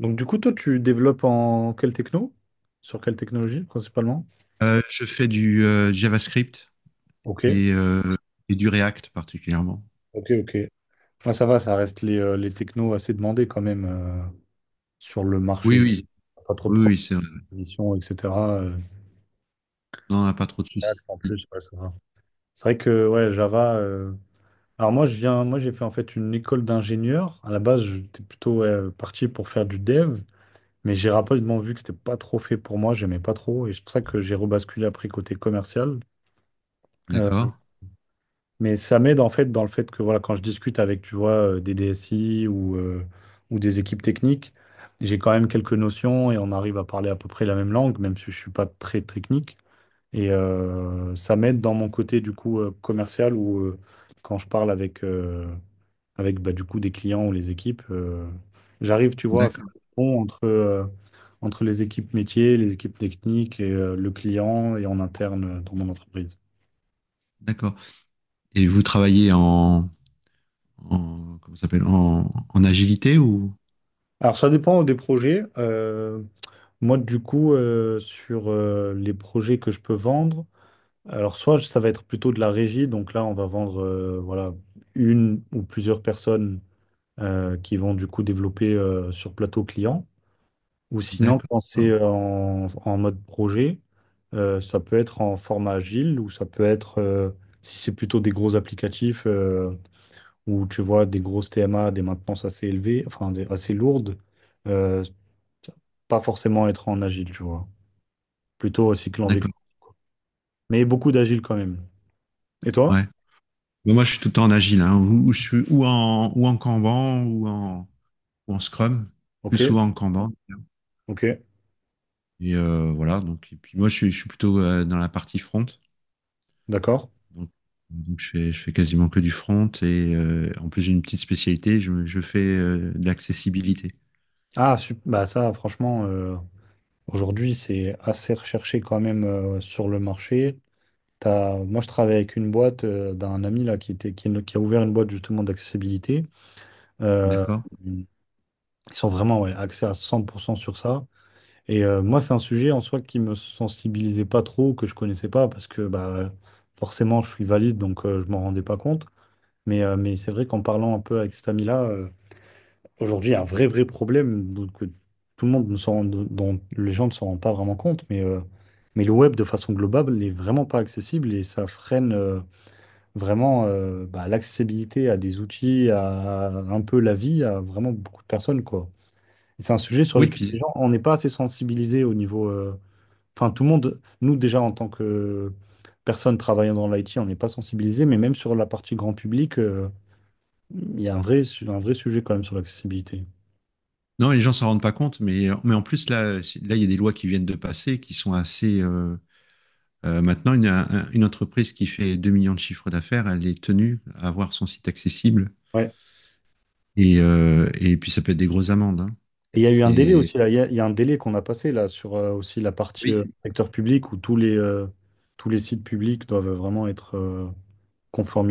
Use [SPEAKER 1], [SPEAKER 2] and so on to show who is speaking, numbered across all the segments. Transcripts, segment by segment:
[SPEAKER 1] Donc du coup, toi, tu développes en quelle techno? Sur quelle technologie principalement?
[SPEAKER 2] Je fais du JavaScript
[SPEAKER 1] Ok,
[SPEAKER 2] et, euh, et du React particulièrement.
[SPEAKER 1] ok. Ah, ça va, ça reste les technos assez demandés quand même, sur le
[SPEAKER 2] Oui,
[SPEAKER 1] marché.
[SPEAKER 2] oui,
[SPEAKER 1] Pas trop de
[SPEAKER 2] oui, c'est vrai.
[SPEAKER 1] propositions, etc. euh,
[SPEAKER 2] Non, on n'a pas trop de
[SPEAKER 1] React
[SPEAKER 2] soucis.
[SPEAKER 1] en plus, ouais, ça va. C'est vrai que ouais, Java. Alors moi, j'ai fait en fait une école d'ingénieur. À la base, j'étais plutôt ouais, parti pour faire du dev, mais j'ai rapidement vu que c'était pas trop fait pour moi. J'aimais pas trop, et c'est pour ça que j'ai rebasculé après côté commercial. Euh,
[SPEAKER 2] D'accord,
[SPEAKER 1] Mais ça m'aide en fait dans le fait que voilà, quand je discute avec, tu vois, des DSI ou des équipes techniques, j'ai quand même quelques notions et on arrive à parler à peu près la même langue, même si je suis pas très technique. Et ça m'aide dans mon côté du coup commercial où quand je parle avec bah, du coup des clients ou les équipes, j'arrive, tu vois, à faire
[SPEAKER 2] d'accord,
[SPEAKER 1] le pont entre les équipes métiers, les équipes techniques et le client et en interne dans mon entreprise.
[SPEAKER 2] d'accord. Et vous travaillez en comment ça s'appelle, en agilité ou?
[SPEAKER 1] Alors, ça dépend des projets. Moi, du coup, sur les projets que je peux vendre, alors soit ça va être plutôt de la régie, donc là, on va vendre voilà, une ou plusieurs personnes qui vont du coup développer sur plateau client. Ou sinon,
[SPEAKER 2] D'accord,
[SPEAKER 1] quand c'est en mode projet, ça peut être en format agile ou ça peut être, si c'est plutôt des gros applicatifs où tu vois des grosses TMA, des maintenances assez élevées, assez lourdes. euh, pas forcément être en agile, tu vois. Plutôt cycle en V,
[SPEAKER 2] d'accord,
[SPEAKER 1] quoi. Mais beaucoup d'agile quand même. Et toi?
[SPEAKER 2] ouais. Mais moi, je suis tout le temps en agile, hein, ou je suis ou en Kanban ou en Scrum, plus
[SPEAKER 1] Ok,
[SPEAKER 2] souvent en Kanban.
[SPEAKER 1] ok,
[SPEAKER 2] Et voilà, donc et puis moi, je suis plutôt dans la partie front.
[SPEAKER 1] d'accord.
[SPEAKER 2] Donc, donc je fais quasiment que du front et en plus j'ai une petite spécialité, je fais de l'accessibilité.
[SPEAKER 1] Ah, bah ça, franchement, aujourd'hui, c'est assez recherché quand même, sur le marché. Moi, je travaille avec une boîte d'un ami là, qui a ouvert une boîte justement d'accessibilité. Euh,
[SPEAKER 2] D'accord?
[SPEAKER 1] ils sont vraiment ouais, axés à 100% sur ça. Et moi, c'est un sujet en soi qui me sensibilisait pas trop, que je connaissais pas, parce que bah, forcément, je suis valide, donc je m'en rendais pas compte. Mais c'est vrai qu'en parlant un peu avec cet ami-là, aujourd'hui, il y a un vrai, vrai problème donc, que tout le monde ne s'en rend- dont les gens ne s'en rendent pas vraiment compte. Mais le web, de façon globale, n'est vraiment pas accessible et ça freine vraiment bah, l'accessibilité à des outils, à, un peu la vie, à vraiment beaucoup de personnes, quoi. Et c'est un sujet sur
[SPEAKER 2] Oui,
[SPEAKER 1] lequel les
[SPEAKER 2] puis
[SPEAKER 1] gens, on n'est pas assez sensibilisés au niveau. Enfin, tout le monde, nous déjà en tant que personne travaillant dans l'IT, on n'est pas sensibilisé, mais même sur la partie grand public, il y a un vrai, un vrai sujet quand même sur l'accessibilité.
[SPEAKER 2] non, les gens s'en rendent pas compte, mais en plus là, là, il y a des lois qui viennent de passer qui sont assez. Maintenant, une entreprise qui fait 2 millions de chiffres d'affaires, elle est tenue à avoir son site accessible.
[SPEAKER 1] Ouais.
[SPEAKER 2] Et puis ça peut être des grosses amendes, hein.
[SPEAKER 1] Et il y a eu un délai
[SPEAKER 2] C'est
[SPEAKER 1] aussi, là. Il y a un délai qu'on a passé là sur aussi la partie
[SPEAKER 2] Oui,
[SPEAKER 1] secteur public où tous les sites publics doivent vraiment être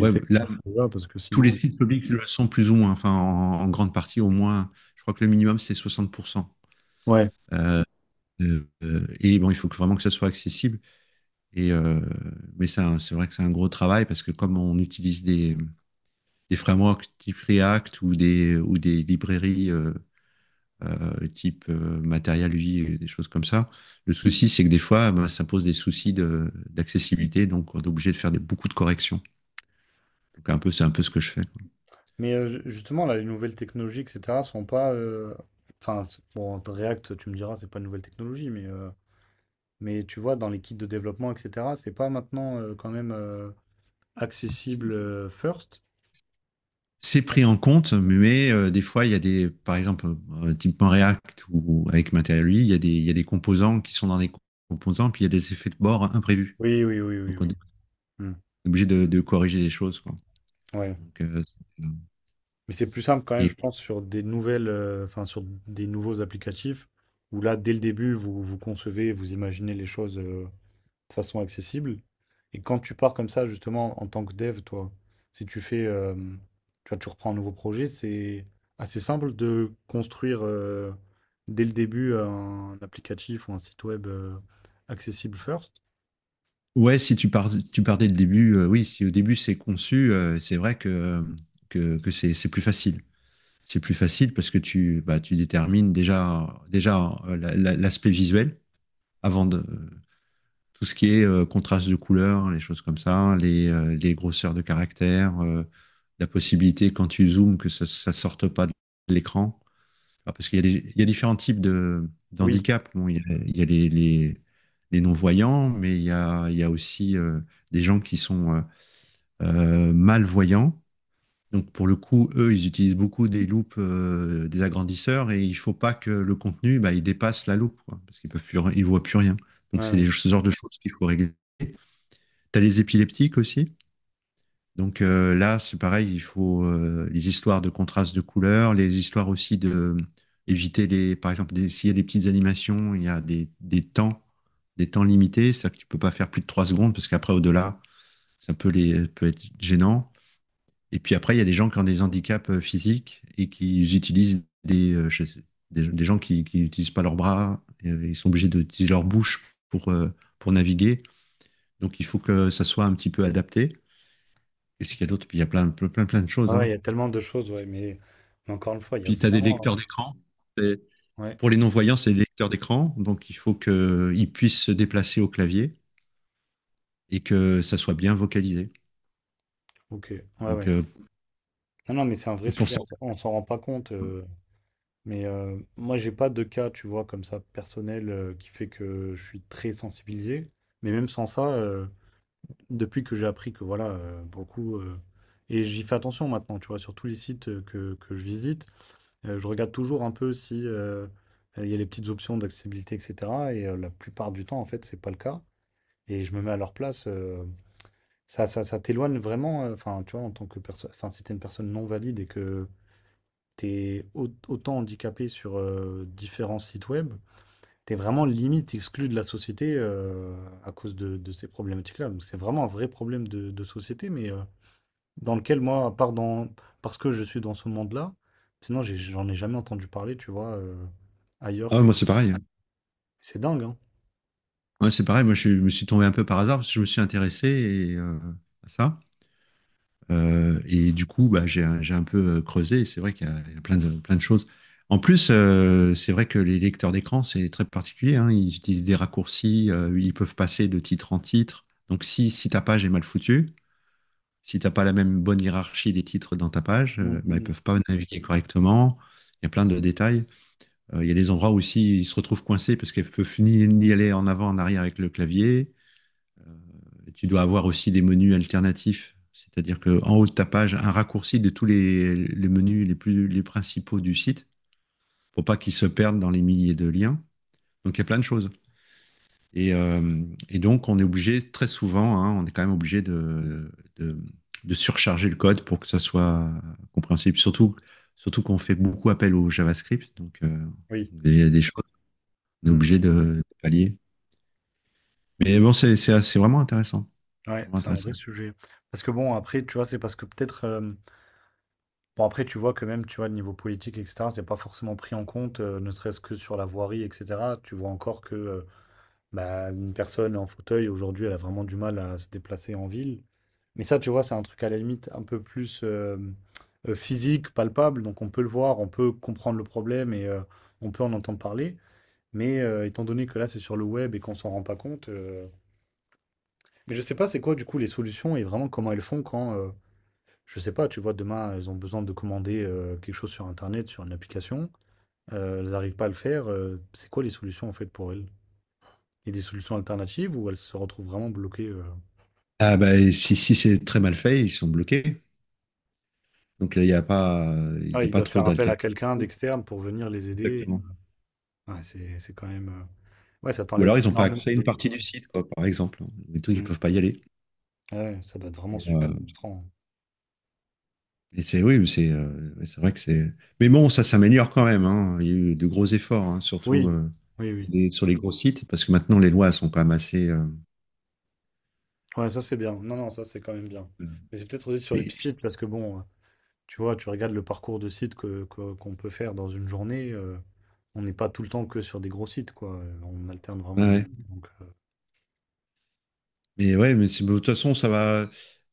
[SPEAKER 2] ouais, là,
[SPEAKER 1] Voilà. Parce que
[SPEAKER 2] tous les
[SPEAKER 1] sinon.
[SPEAKER 2] sites publics le sont plus ou moins, enfin en grande partie au moins. Je crois que le minimum c'est 60%.
[SPEAKER 1] Ouais.
[SPEAKER 2] Et bon, vraiment que ça soit accessible. Et, euh, mais ça, c'est vrai que c'est un gros travail parce que comme on utilise des frameworks type React ou des librairies type Material UI, des choses comme ça. Le souci, c'est que des fois, bah, ça pose des soucis d'accessibilité. Donc, on est obligé de faire beaucoup de corrections. Donc, un peu, c'est un peu ce que je fais, quoi.
[SPEAKER 1] Mais justement, là, les nouvelles technologies, etc., sont pas. Enfin, bon, React, tu me diras, c'est pas une nouvelle technologie, mais. Mais tu vois, dans les kits de développement, et cetera, c'est pas maintenant, quand même, accessible, first?
[SPEAKER 2] C'est pris en compte, mais des fois, il y a des, par exemple, typiquement React ou avec Material il y a il y a des composants qui sont dans les composants, puis il y a des effets de bord imprévus.
[SPEAKER 1] Oui, oui, oui, oui,
[SPEAKER 2] Donc, on
[SPEAKER 1] oui.
[SPEAKER 2] est
[SPEAKER 1] Hmm,
[SPEAKER 2] obligé de corriger les choses, quoi.
[SPEAKER 1] ouais.
[SPEAKER 2] Donc, euh, c'est- euh,
[SPEAKER 1] Mais c'est plus simple quand même, je
[SPEAKER 2] et
[SPEAKER 1] pense, sur des nouvelles, enfin, sur des nouveaux applicatifs, où là, dès le début, vous concevez, vous imaginez les choses, de façon accessible. Et quand tu pars comme ça, justement, en tant que dev, toi, si tu fais, tu vois, tu reprends un nouveau projet, c'est assez simple de construire, dès le début un applicatif ou un site web, accessible first.
[SPEAKER 2] ouais, si tu pars, tu pars dès le début, oui, si au début c'est conçu, c'est vrai que, que c'est plus facile. C'est plus facile parce que tu, bah, tu détermines déjà l'aspect visuel avant de, tout ce qui est contraste de couleurs, les choses comme ça, les grosseurs de caractères, la possibilité quand tu zoomes que ça sorte pas de l'écran. Ah, parce qu'il y a il y a différents types de
[SPEAKER 1] Oui,
[SPEAKER 2] d'handicap. Bon, il y a les non-voyants, mais il y a aussi des gens qui sont malvoyants. Donc pour le coup, eux, ils utilisent beaucoup des loupes, des agrandisseurs, et il ne faut pas que le contenu, bah, il dépasse la loupe, quoi, parce qu'ils peuvent plus, ils voient plus rien. Donc
[SPEAKER 1] ouais,
[SPEAKER 2] c'est
[SPEAKER 1] ouais.
[SPEAKER 2] ce genre de choses qu'il faut régler. T'as les épileptiques aussi. Donc là, c'est pareil, il faut les histoires de contraste de couleurs, les histoires aussi de éviter les, par exemple, s'il y a des petites animations, il y a des temps limités, c'est-à-dire que tu peux pas faire plus de 3 secondes parce qu'après au-delà, ça peut être gênant. Et puis après, il y a des gens qui ont des handicaps physiques et qui utilisent des, je sais- des gens qui n'utilisent pas leurs bras, ils sont obligés d'utiliser leur bouche pour naviguer. Donc il faut que ça soit un petit peu adapté. Qu'est-ce qu'il y a d'autre? Puis il y a plein, plein, plein, plein de choses,
[SPEAKER 1] Ah ouais, il
[SPEAKER 2] hein.
[SPEAKER 1] y a tellement de choses, ouais, mais encore une fois, il y a
[SPEAKER 2] Puis tu as des
[SPEAKER 1] vraiment.
[SPEAKER 2] lecteurs d'écran. Et
[SPEAKER 1] Ouais,
[SPEAKER 2] pour les non-voyants, c'est des lecteurs d'écran. Donc il faut qu'ils puissent se déplacer au clavier et que ça soit bien vocalisé.
[SPEAKER 1] ok, ouais,
[SPEAKER 2] Donc
[SPEAKER 1] ouais.
[SPEAKER 2] euh,
[SPEAKER 1] Non, non, mais c'est un vrai
[SPEAKER 2] et pour
[SPEAKER 1] sujet,
[SPEAKER 2] certains.
[SPEAKER 1] on s'en rend pas compte. Mais moi, j'ai pas de cas, tu vois, comme ça, personnel, qui fait que je suis très sensibilisé. Mais même sans ça, depuis que j'ai appris que voilà, pour le coup, et j'y fais attention maintenant, tu vois, sur tous les sites, euh, que je visite, je regarde toujours un peu si il y a les petites options d'accessibilité, etc. Et la plupart du temps, en fait, c'est pas le cas. Et je me mets à leur place. Ça t'éloigne vraiment, enfin, tu vois, en tant que personne, enfin, si t'es une personne non valide et que autant handicapé sur différents sites web, t'es vraiment limite exclu de la société, à cause de ces problématiques-là. Donc c'est vraiment un vrai problème de société, mais dans lequel moi, à part dans, parce que je suis dans ce monde-là, sinon j'en ai jamais entendu parler, tu vois, ailleurs
[SPEAKER 2] Ah,
[SPEAKER 1] que...
[SPEAKER 2] moi, c'est pareil, hein.
[SPEAKER 1] C'est dingue, hein?
[SPEAKER 2] Ouais, c'est pareil. Moi, je me suis tombé un peu par hasard parce que je me suis intéressé à ça. Et du coup, bah, j'ai un peu creusé. Et c'est vrai qu'il y a, il y a plein plein de choses. En plus, c'est vrai que les lecteurs d'écran, c'est très particulier, hein. Ils utilisent des raccourcis, ils peuvent passer de titre en titre. Donc, si, si ta page est mal foutue, si t'as pas la même bonne hiérarchie des titres dans ta page,
[SPEAKER 1] Mm,
[SPEAKER 2] bah, ils
[SPEAKER 1] mm.
[SPEAKER 2] peuvent pas naviguer correctement. Il y a plein de détails. Il y a des endroits aussi, ils se retrouvent coincés parce qu'ils peuvent ni aller en avant, en arrière avec le clavier. Tu dois avoir aussi des menus alternatifs. C'est-à-dire qu'en haut de ta page, un raccourci de les menus les principaux du site pour pas qu'ils se perdent dans les milliers de liens. Donc il y a plein de choses. Et, euh, et donc on est obligé très souvent, hein, on est quand même obligé de, de surcharger le code pour que ça soit compréhensible. Surtout, surtout qu'on fait beaucoup appel au JavaScript, donc
[SPEAKER 1] Oui.
[SPEAKER 2] il y a des choses qu'on est
[SPEAKER 1] Mm.
[SPEAKER 2] obligé de pallier. Mais bon, c'est vraiment intéressant,
[SPEAKER 1] Ouais,
[SPEAKER 2] vraiment
[SPEAKER 1] c'est un vrai
[SPEAKER 2] intéressant.
[SPEAKER 1] sujet. Parce que bon, après, tu vois, c'est parce que peut-être... Bon, après, tu vois que même, tu vois, le niveau politique, et cetera, c'est pas forcément pris en compte, ne serait-ce que sur la voirie, et cetera. Tu vois encore que, bah, une personne en fauteuil, aujourd'hui, elle a vraiment du mal à se déplacer en ville. Mais ça, tu vois, c'est un truc à la limite un peu plus, physique, palpable, donc on peut le voir, on peut comprendre le problème et on peut en entendre parler. Mais étant donné que là, c'est sur le web et qu'on s'en rend pas compte, mais je sais pas c'est quoi, du coup, les solutions et vraiment comment elles font quand, je sais pas, tu vois, demain, elles ont besoin de commander, quelque chose sur internet, sur une application, elles arrivent pas à le faire, c'est quoi les solutions, en fait, pour elles? Il y a des solutions alternatives ou elles se retrouvent vraiment bloquées,
[SPEAKER 2] Ah bah, et si, si c'est très mal fait, ils sont bloqués. Donc là, il
[SPEAKER 1] Ah,
[SPEAKER 2] y a
[SPEAKER 1] ils
[SPEAKER 2] pas
[SPEAKER 1] doivent
[SPEAKER 2] trop
[SPEAKER 1] faire appel à
[SPEAKER 2] d'alternatives.
[SPEAKER 1] quelqu'un d'externe pour venir les aider.
[SPEAKER 2] Exactement.
[SPEAKER 1] Ouais, c'est quand même, ouais, ça
[SPEAKER 2] Ou
[SPEAKER 1] t'enlève
[SPEAKER 2] alors, ils n'ont pas
[SPEAKER 1] énormément
[SPEAKER 2] accès à une
[SPEAKER 1] de.
[SPEAKER 2] partie du site, quoi, par exemple. Des trucs, ils ne
[SPEAKER 1] Mmh.
[SPEAKER 2] peuvent pas y aller.
[SPEAKER 1] Ah ouais, ça doit être vraiment
[SPEAKER 2] Et, euh,
[SPEAKER 1] super frustrant.
[SPEAKER 2] c'est, oui, mais c'est ouais, c'est vrai que c'est. Mais bon, ça s'améliore quand même, hein. Il y a eu de gros efforts, hein, surtout
[SPEAKER 1] Oui, oui, oui.
[SPEAKER 2] sur les gros sites, parce que maintenant, les lois sont quand même assez.
[SPEAKER 1] Ouais, ça, c'est bien. Non, non, ça, c'est quand même bien. Mais c'est peut-être aussi sur les p
[SPEAKER 2] et-
[SPEAKER 1] parce que bon, tu vois, tu regardes le parcours de sites qu'on peut faire dans une journée, on n'est pas tout le temps que sur des gros sites, quoi. On alterne vraiment
[SPEAKER 2] ouais.
[SPEAKER 1] beaucoup. Donc,
[SPEAKER 2] Mais ouais, mais de toute façon, ça va.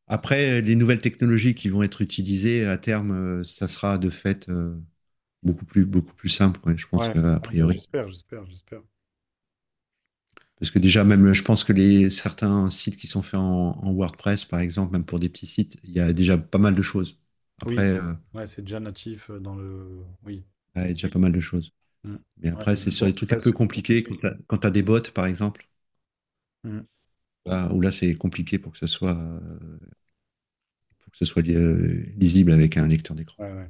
[SPEAKER 2] Après, les nouvelles technologies qui vont être utilisées à terme, ça sera de fait beaucoup plus simple, ouais, je pense
[SPEAKER 1] ouais.
[SPEAKER 2] qu'a
[SPEAKER 1] Ouais, bah,
[SPEAKER 2] priori.
[SPEAKER 1] j'espère, j'espère, j'espère.
[SPEAKER 2] Parce que déjà, même, je pense que les, certains sites qui sont faits en WordPress, par exemple, même pour des petits sites, il y a déjà pas mal de choses. Après,
[SPEAKER 1] Oui, ouais, c'est déjà natif dans le. Oui.
[SPEAKER 2] il y a déjà pas mal de choses.
[SPEAKER 1] Mm.
[SPEAKER 2] Mais
[SPEAKER 1] Ouais,
[SPEAKER 2] après,
[SPEAKER 1] il y a du
[SPEAKER 2] c'est sur les trucs un
[SPEAKER 1] WordPress.
[SPEAKER 2] peu compliqués, quand tu as, des bots, par exemple,
[SPEAKER 1] Mm.
[SPEAKER 2] où là, c'est compliqué pour que ce soit, pour que ce soit lisible avec un lecteur d'écran.
[SPEAKER 1] Ouais, ouais.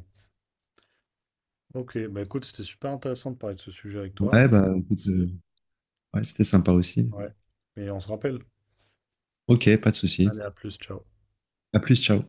[SPEAKER 1] Ok, bah écoute, c'était super intéressant de parler de ce sujet avec toi.
[SPEAKER 2] Ouais, bah, écoute,
[SPEAKER 1] Merci.
[SPEAKER 2] ouais, c'était sympa aussi.
[SPEAKER 1] Ouais. Et on se rappelle.
[SPEAKER 2] Ok, pas de souci.
[SPEAKER 1] Allez, à plus, ciao.
[SPEAKER 2] À plus, ciao.